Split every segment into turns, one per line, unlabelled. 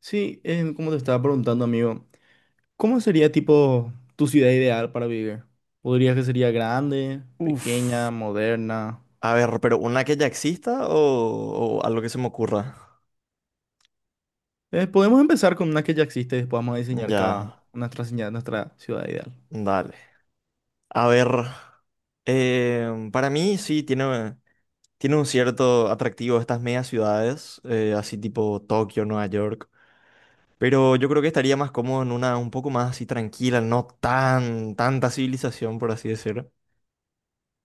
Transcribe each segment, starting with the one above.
Sí, como te estaba preguntando, amigo, ¿cómo sería tipo tu ciudad ideal para vivir? ¿Podrías que sería grande,
Uf.
pequeña, moderna?
A ver, pero una que ya exista o algo que se me ocurra.
Podemos empezar con una que ya existe y después vamos a diseñar
Ya,
cada nuestra ciudad ideal.
dale. A ver, para mí sí tiene un cierto atractivo estas megas ciudades, así tipo Tokio, Nueva York. Pero yo creo que estaría más cómodo en una un poco más así tranquila, no tanta civilización, por así decirlo.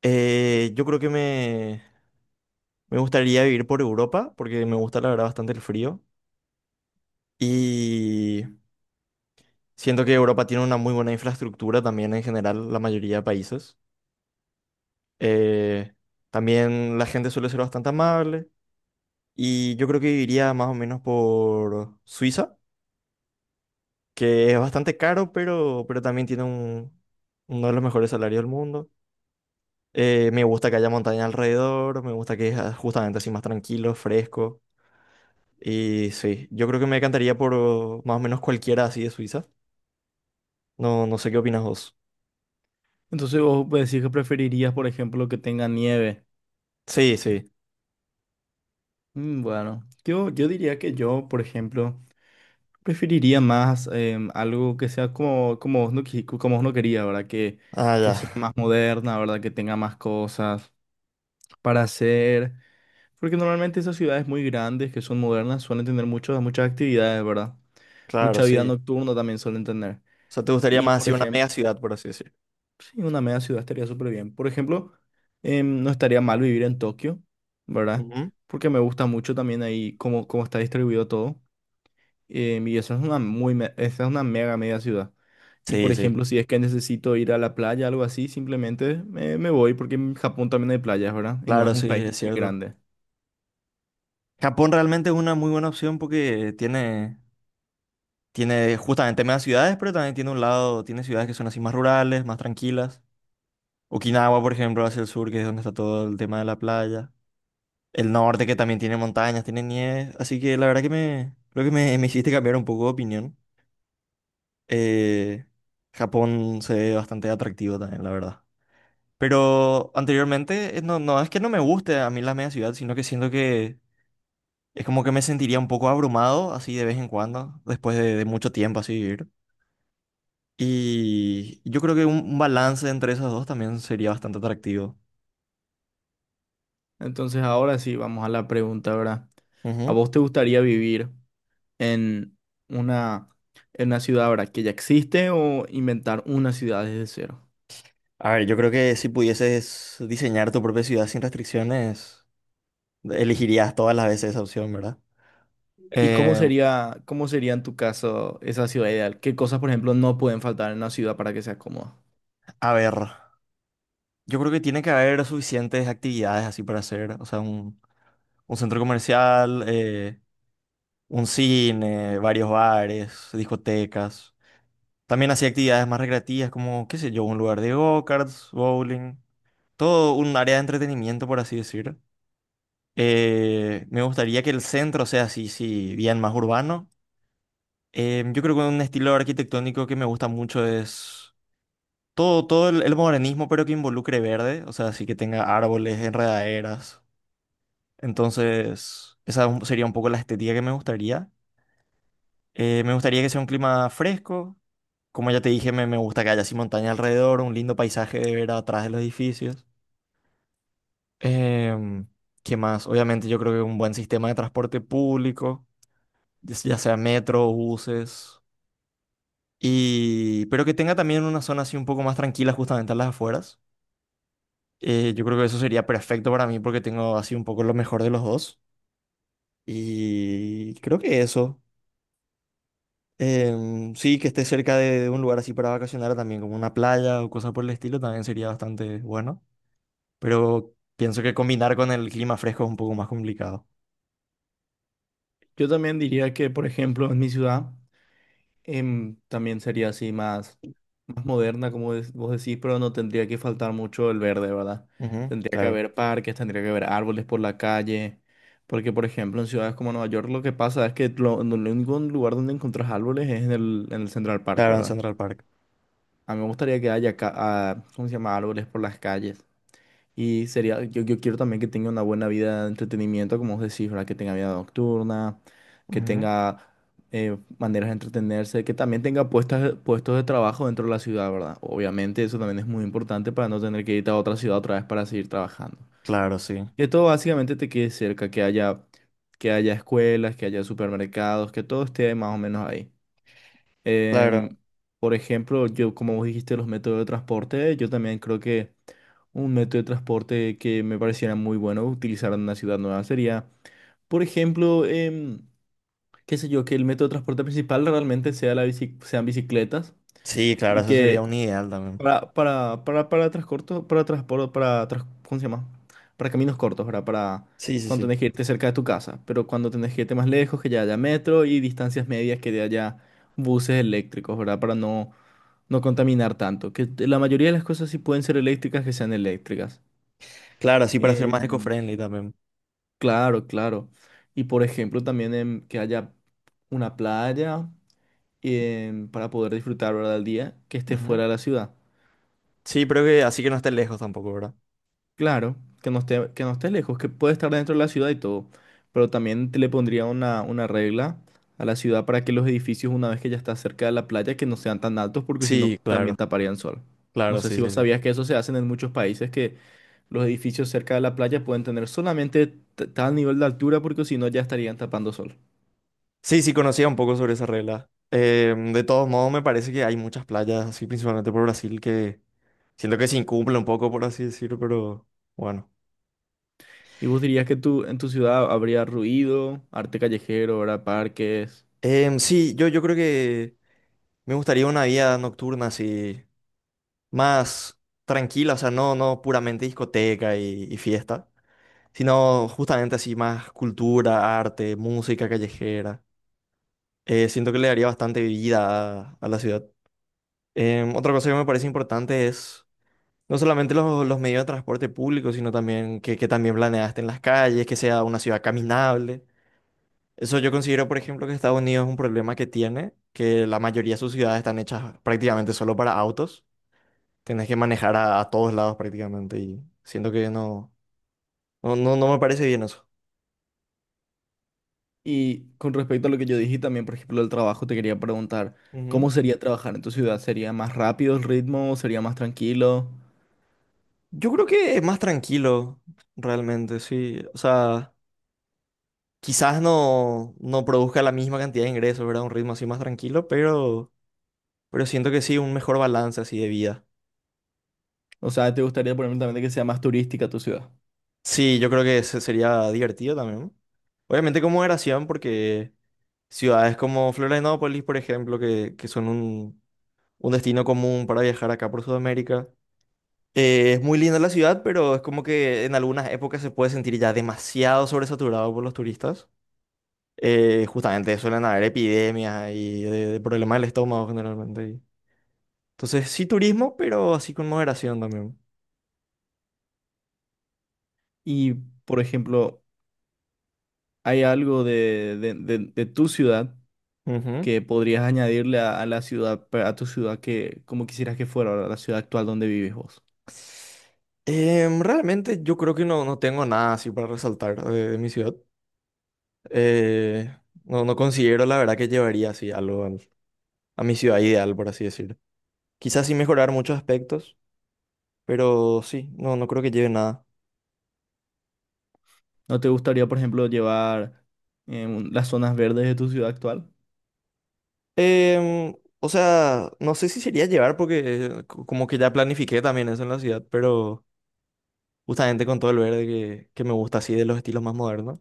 Yo creo que me gustaría vivir por Europa, porque me gusta la verdad bastante el frío. Y Siento que Europa tiene una muy buena infraestructura también en general, la mayoría de países. Eh, también la gente suele ser bastante amable y yo creo que iría más o menos por Suiza, que es bastante caro, pero también tiene uno de los mejores salarios del mundo. Me gusta que haya montaña alrededor, me gusta que es justamente así más tranquilo, fresco. Y sí, yo creo que me encantaría por más o menos cualquiera así de Suiza. No, no sé qué opinas vos.
Entonces vos decís que preferirías, por ejemplo, que tenga nieve.
Sí, sí.
Mm, bueno, yo diría que yo, por ejemplo, preferiría más algo que sea como, como vos no, qui- como vos no quería, ¿verdad?
Ah,
Que
ya.
sea más moderna, ¿verdad? Que tenga más cosas para hacer. Porque normalmente esas ciudades muy grandes que son modernas suelen tener muchas actividades, ¿verdad?
Claro,
Mucha vida
sí.
nocturna también suelen tener.
O sea, te gustaría
Y
más
por
así una mega
ejemplo,
ciudad, por así decir.
sí, una media ciudad estaría súper bien. Por ejemplo, no estaría mal vivir en Tokio, ¿verdad?
Ujú.
Porque me gusta mucho también ahí cómo está distribuido todo. Y eso es una esa es una mega media ciudad. Y por
Sí, sí,
ejemplo, si es que necesito ir a la playa, algo así, simplemente me voy porque en Japón también hay playas, ¿verdad? Y no es
claro,
un
sí,
país
es
muy
cierto.
grande.
Japón realmente es una muy buena opción porque tiene justamente mega ciudades, pero también tiene un tiene ciudades que son así más rurales, más tranquilas. Okinawa, por ejemplo, hacia el sur, que es donde está todo el tema de la playa. El norte, que también tiene montañas, tiene nieve. Así que la verdad que creo que me hiciste cambiar un poco de opinión. Eh, Japón se ve bastante atractivo también, la verdad. Pero anteriormente, no, no es que no me guste a mí la media ciudad, sino que siento que es como que me sentiría un poco abrumado así de vez en cuando, después de mucho tiempo así vivir. Y yo creo que un balance entre esos dos también sería bastante atractivo.
Entonces ahora sí, vamos a la pregunta, ¿verdad? ¿A
Ujú.
vos te gustaría vivir en una, en una ciudad, ¿verdad? Que ya existe o inventar una ciudad desde cero?
A ver, yo creo que si pudieses diseñar tu propia ciudad sin restricciones, elegirías todas las veces esa opción, ¿verdad?
¿Y
Eh,
cómo sería en tu caso esa ciudad ideal? ¿Qué cosas, por ejemplo, no pueden faltar en una ciudad para que sea cómoda?
a ver, yo creo que tiene que haber suficientes actividades así para hacer, o sea, un centro comercial. Un cine, varios bares, discotecas. También hacía actividades más recreativas como, qué sé yo, un lugar de go-karts, bowling. Todo un área de entretenimiento, por así decir. Me gustaría que el centro sea así, sí, bien más urbano. Yo creo que un estilo arquitectónico que me gusta mucho es todo el modernismo, pero que involucre verde. O sea, así que tenga árboles, enredaderas. Entonces, sería un poco la estética que me gustaría. Me gustaría que sea un clima fresco. Como ya te dije, me gusta que haya así montaña alrededor, un lindo paisaje de ver atrás de los edificios. Em, ¿Qué más? Obviamente yo creo que un buen sistema de transporte público, ya sea metro, buses, y pero que tenga también una zona así un poco más tranquila justamente a las afueras. Yo creo que eso sería perfecto para mí porque tengo así un poco lo mejor de los dos. Y creo que eso. Sí, que esté cerca de un lugar así para vacacionar también, como una playa o cosas por el estilo, también sería bastante bueno. Pero pienso que combinar con el clima fresco es un poco más complicado.
Yo también diría que, por ejemplo, en mi ciudad también sería más moderna, como vos decís, pero no tendría que faltar mucho el verde, ¿verdad?
Ujú,
Tendría que
claro,
haber parques, tendría que haber árboles por la calle, porque, por ejemplo, en ciudades como Nueva York lo que pasa es que lo, no, lo único lugar donde encontrás árboles es en en el Central Park,
claro, en
¿verdad?
Central Park.
A mí me gustaría que haya, ¿cómo se llama? Árboles por las calles. Y sería, yo quiero también que tenga una buena vida de entretenimiento, como vos decís, ¿verdad? Que tenga vida nocturna, que
Ujú,
tenga maneras de entretenerse, que también tenga puestos de trabajo dentro de la ciudad, ¿verdad? Obviamente eso también es muy importante para no tener que irte a otra ciudad otra vez para seguir trabajando.
claro, sí.
Que todo básicamente te quede cerca, que haya escuelas, que haya supermercados, que todo esté más o menos ahí.
Claro,
Em, por ejemplo, yo, como vos dijiste, los métodos de transporte, yo también creo que... Un método de transporte que me pareciera muy bueno utilizar en una ciudad nueva sería, por ejemplo, qué sé yo, que el método de transporte principal realmente sea sean bicicletas
sí, claro,
y
eso sería
que
un ideal también.
para para ¿cómo se llama? Para caminos cortos, ¿verdad? Para
Sí, sí,
cuando
sí.
tenés que irte cerca de tu casa, pero cuando tenés que irte más lejos, que ya haya metro y distancias medias, que ya haya buses eléctricos, ¿verdad? Para no, no contaminar tanto. Que la mayoría de las cosas sí pueden ser eléctricas, que sean eléctricas.
Claro, así para ser más
Em,
eco-friendly también.
Claro, claro. Y por ejemplo, también que haya una playa para poder disfrutar, ¿verdad? El día que esté
Ujú.
fuera de la ciudad.
Sí, pero que así que no esté lejos tampoco, ¿verdad?
Claro, que no esté lejos, que puede estar dentro de la ciudad y todo. Pero también te le pondría una regla a la ciudad para que los edificios, una vez que ya está cerca de la playa, que no sean tan altos, porque si no,
Sí,
también
claro,
taparían sol. No
claro,
sé
sí,
si
sí,
vos
sí.
sabías que eso se hace en muchos países, que los edificios cerca de la playa pueden tener solamente tal nivel de altura, porque si no, ya estarían tapando sol.
Sí, sí, conocía un poco sobre esa regla. De todos modos, me parece que hay muchas playas, así principalmente por Brasil, que siento que se incumple un poco, por así decirlo, pero bueno.
¿Y vos dirías que tú en tu ciudad habría ruido, arte callejero, ¿verdad? Parques?
Sí, yo creo que me gustaría una vida nocturna así, más tranquila, o sea, no puramente discoteca y fiesta, sino justamente así más cultura, arte, música callejera. Siento que le daría bastante vida a la ciudad. Otra cosa que me parece importante es no solamente los medios de transporte público, sino también que también planeaste en las calles, que sea una ciudad caminable. Eso yo considero, por ejemplo, que Estados Unidos es un problema que tiene, que la mayoría de sus ciudades están hechas prácticamente solo para autos. Tienes que manejar a todos lados prácticamente y siento que no me parece bien eso.
Y con respecto a lo que yo dije también, por ejemplo, el trabajo, te quería preguntar,
Ujú.
¿cómo sería trabajar en tu ciudad? ¿Sería más rápido el ritmo? ¿Sería más tranquilo?
Yo creo que es más tranquilo, realmente, sí. O sea, quizás no produzca la misma cantidad de ingresos, ¿verdad? Un ritmo así más tranquilo, pero siento que sí, un mejor balance así de vida.
O sea, ¿te gustaría, por ejemplo, también que sea más turística tu ciudad?
Sí, yo creo que ese sería divertido también. Obviamente como moderación, porque ciudades como Florianópolis, por ejemplo, que son un destino común para viajar acá por Sudamérica. Es muy linda la ciudad, pero es como que en algunas épocas se puede sentir ya demasiado sobresaturado por los turistas. Justamente suelen haber epidemias y de problemas del estómago generalmente. Entonces sí turismo, pero así con moderación también.
Y, por ejemplo, ¿hay algo de tu ciudad
Ujú.
que podrías añadirle a la ciudad, a tu ciudad que, como quisieras que fuera, ¿verdad? La ciudad actual donde vives vos?
Realmente yo creo que no, no tengo nada así para resaltar de mi ciudad. Eh, no, no considero la verdad que llevaría así a mi ciudad ideal, por así decirlo. Quizás sí mejorar muchos aspectos, pero sí, no, no creo que lleve nada.
¿No te gustaría, por ejemplo, llevar las zonas verdes de tu ciudad actual?
O sea, no sé si sería llevar porque como que ya planifiqué también eso en la ciudad, pero justamente con todo el verde que me gusta así de los estilos más modernos.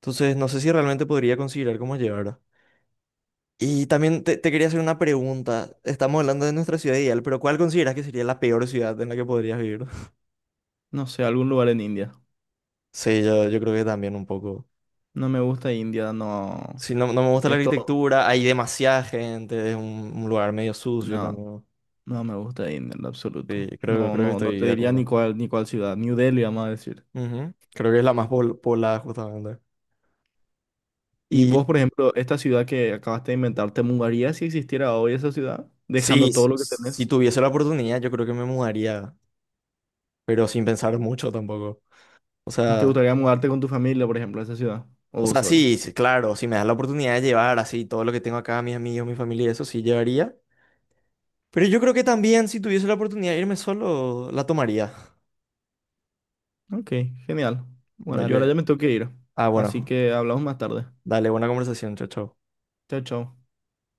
Entonces no sé si realmente podría considerar como llevar. Y también te quería hacer una pregunta. Estamos hablando de nuestra ciudad ideal, pero ¿cuál consideras que sería la peor ciudad en la que podrías vivir?
No sé, algún lugar en India.
Sí, yo creo que también un poco.
No me gusta India, no.
Sí, no, no me gusta la
Esto,
arquitectura, hay demasiada gente, es un lugar medio sucio
no,
también.
no me gusta India en lo
Sí,
absoluto. No,
creo que
no, no
estoy
te
de
diría ni
acuerdo.
ni cuál ciudad. New Delhi, vamos a decir.
Ujú. Creo que es la más poblada justamente.
Y
Y
vos, por ejemplo, esta ciudad que acabaste de inventar, ¿te mudarías si existiera hoy esa ciudad?
sí,
Dejando todo lo que
si
tenés.
tuviese la oportunidad, yo creo que me mudaría, pero sin pensar mucho tampoco. O
¿Te
sea,
gustaría mudarte con tu familia, por ejemplo, a esa ciudad? ¿O
o
vos
sea,
solo?
sí, sí, claro, si me das la oportunidad de llevar así todo lo que tengo acá, mis amigos, mi familia, eso sí llevaría. Pero yo creo que también si tuviese la oportunidad de irme solo, la tomaría.
Ok, genial. Bueno, yo ahora
Dale.
ya me tengo que ir.
Ah,
Así
bueno.
que hablamos más tarde.
Dale, buena conversación. Chao, chao.
Chao, chao.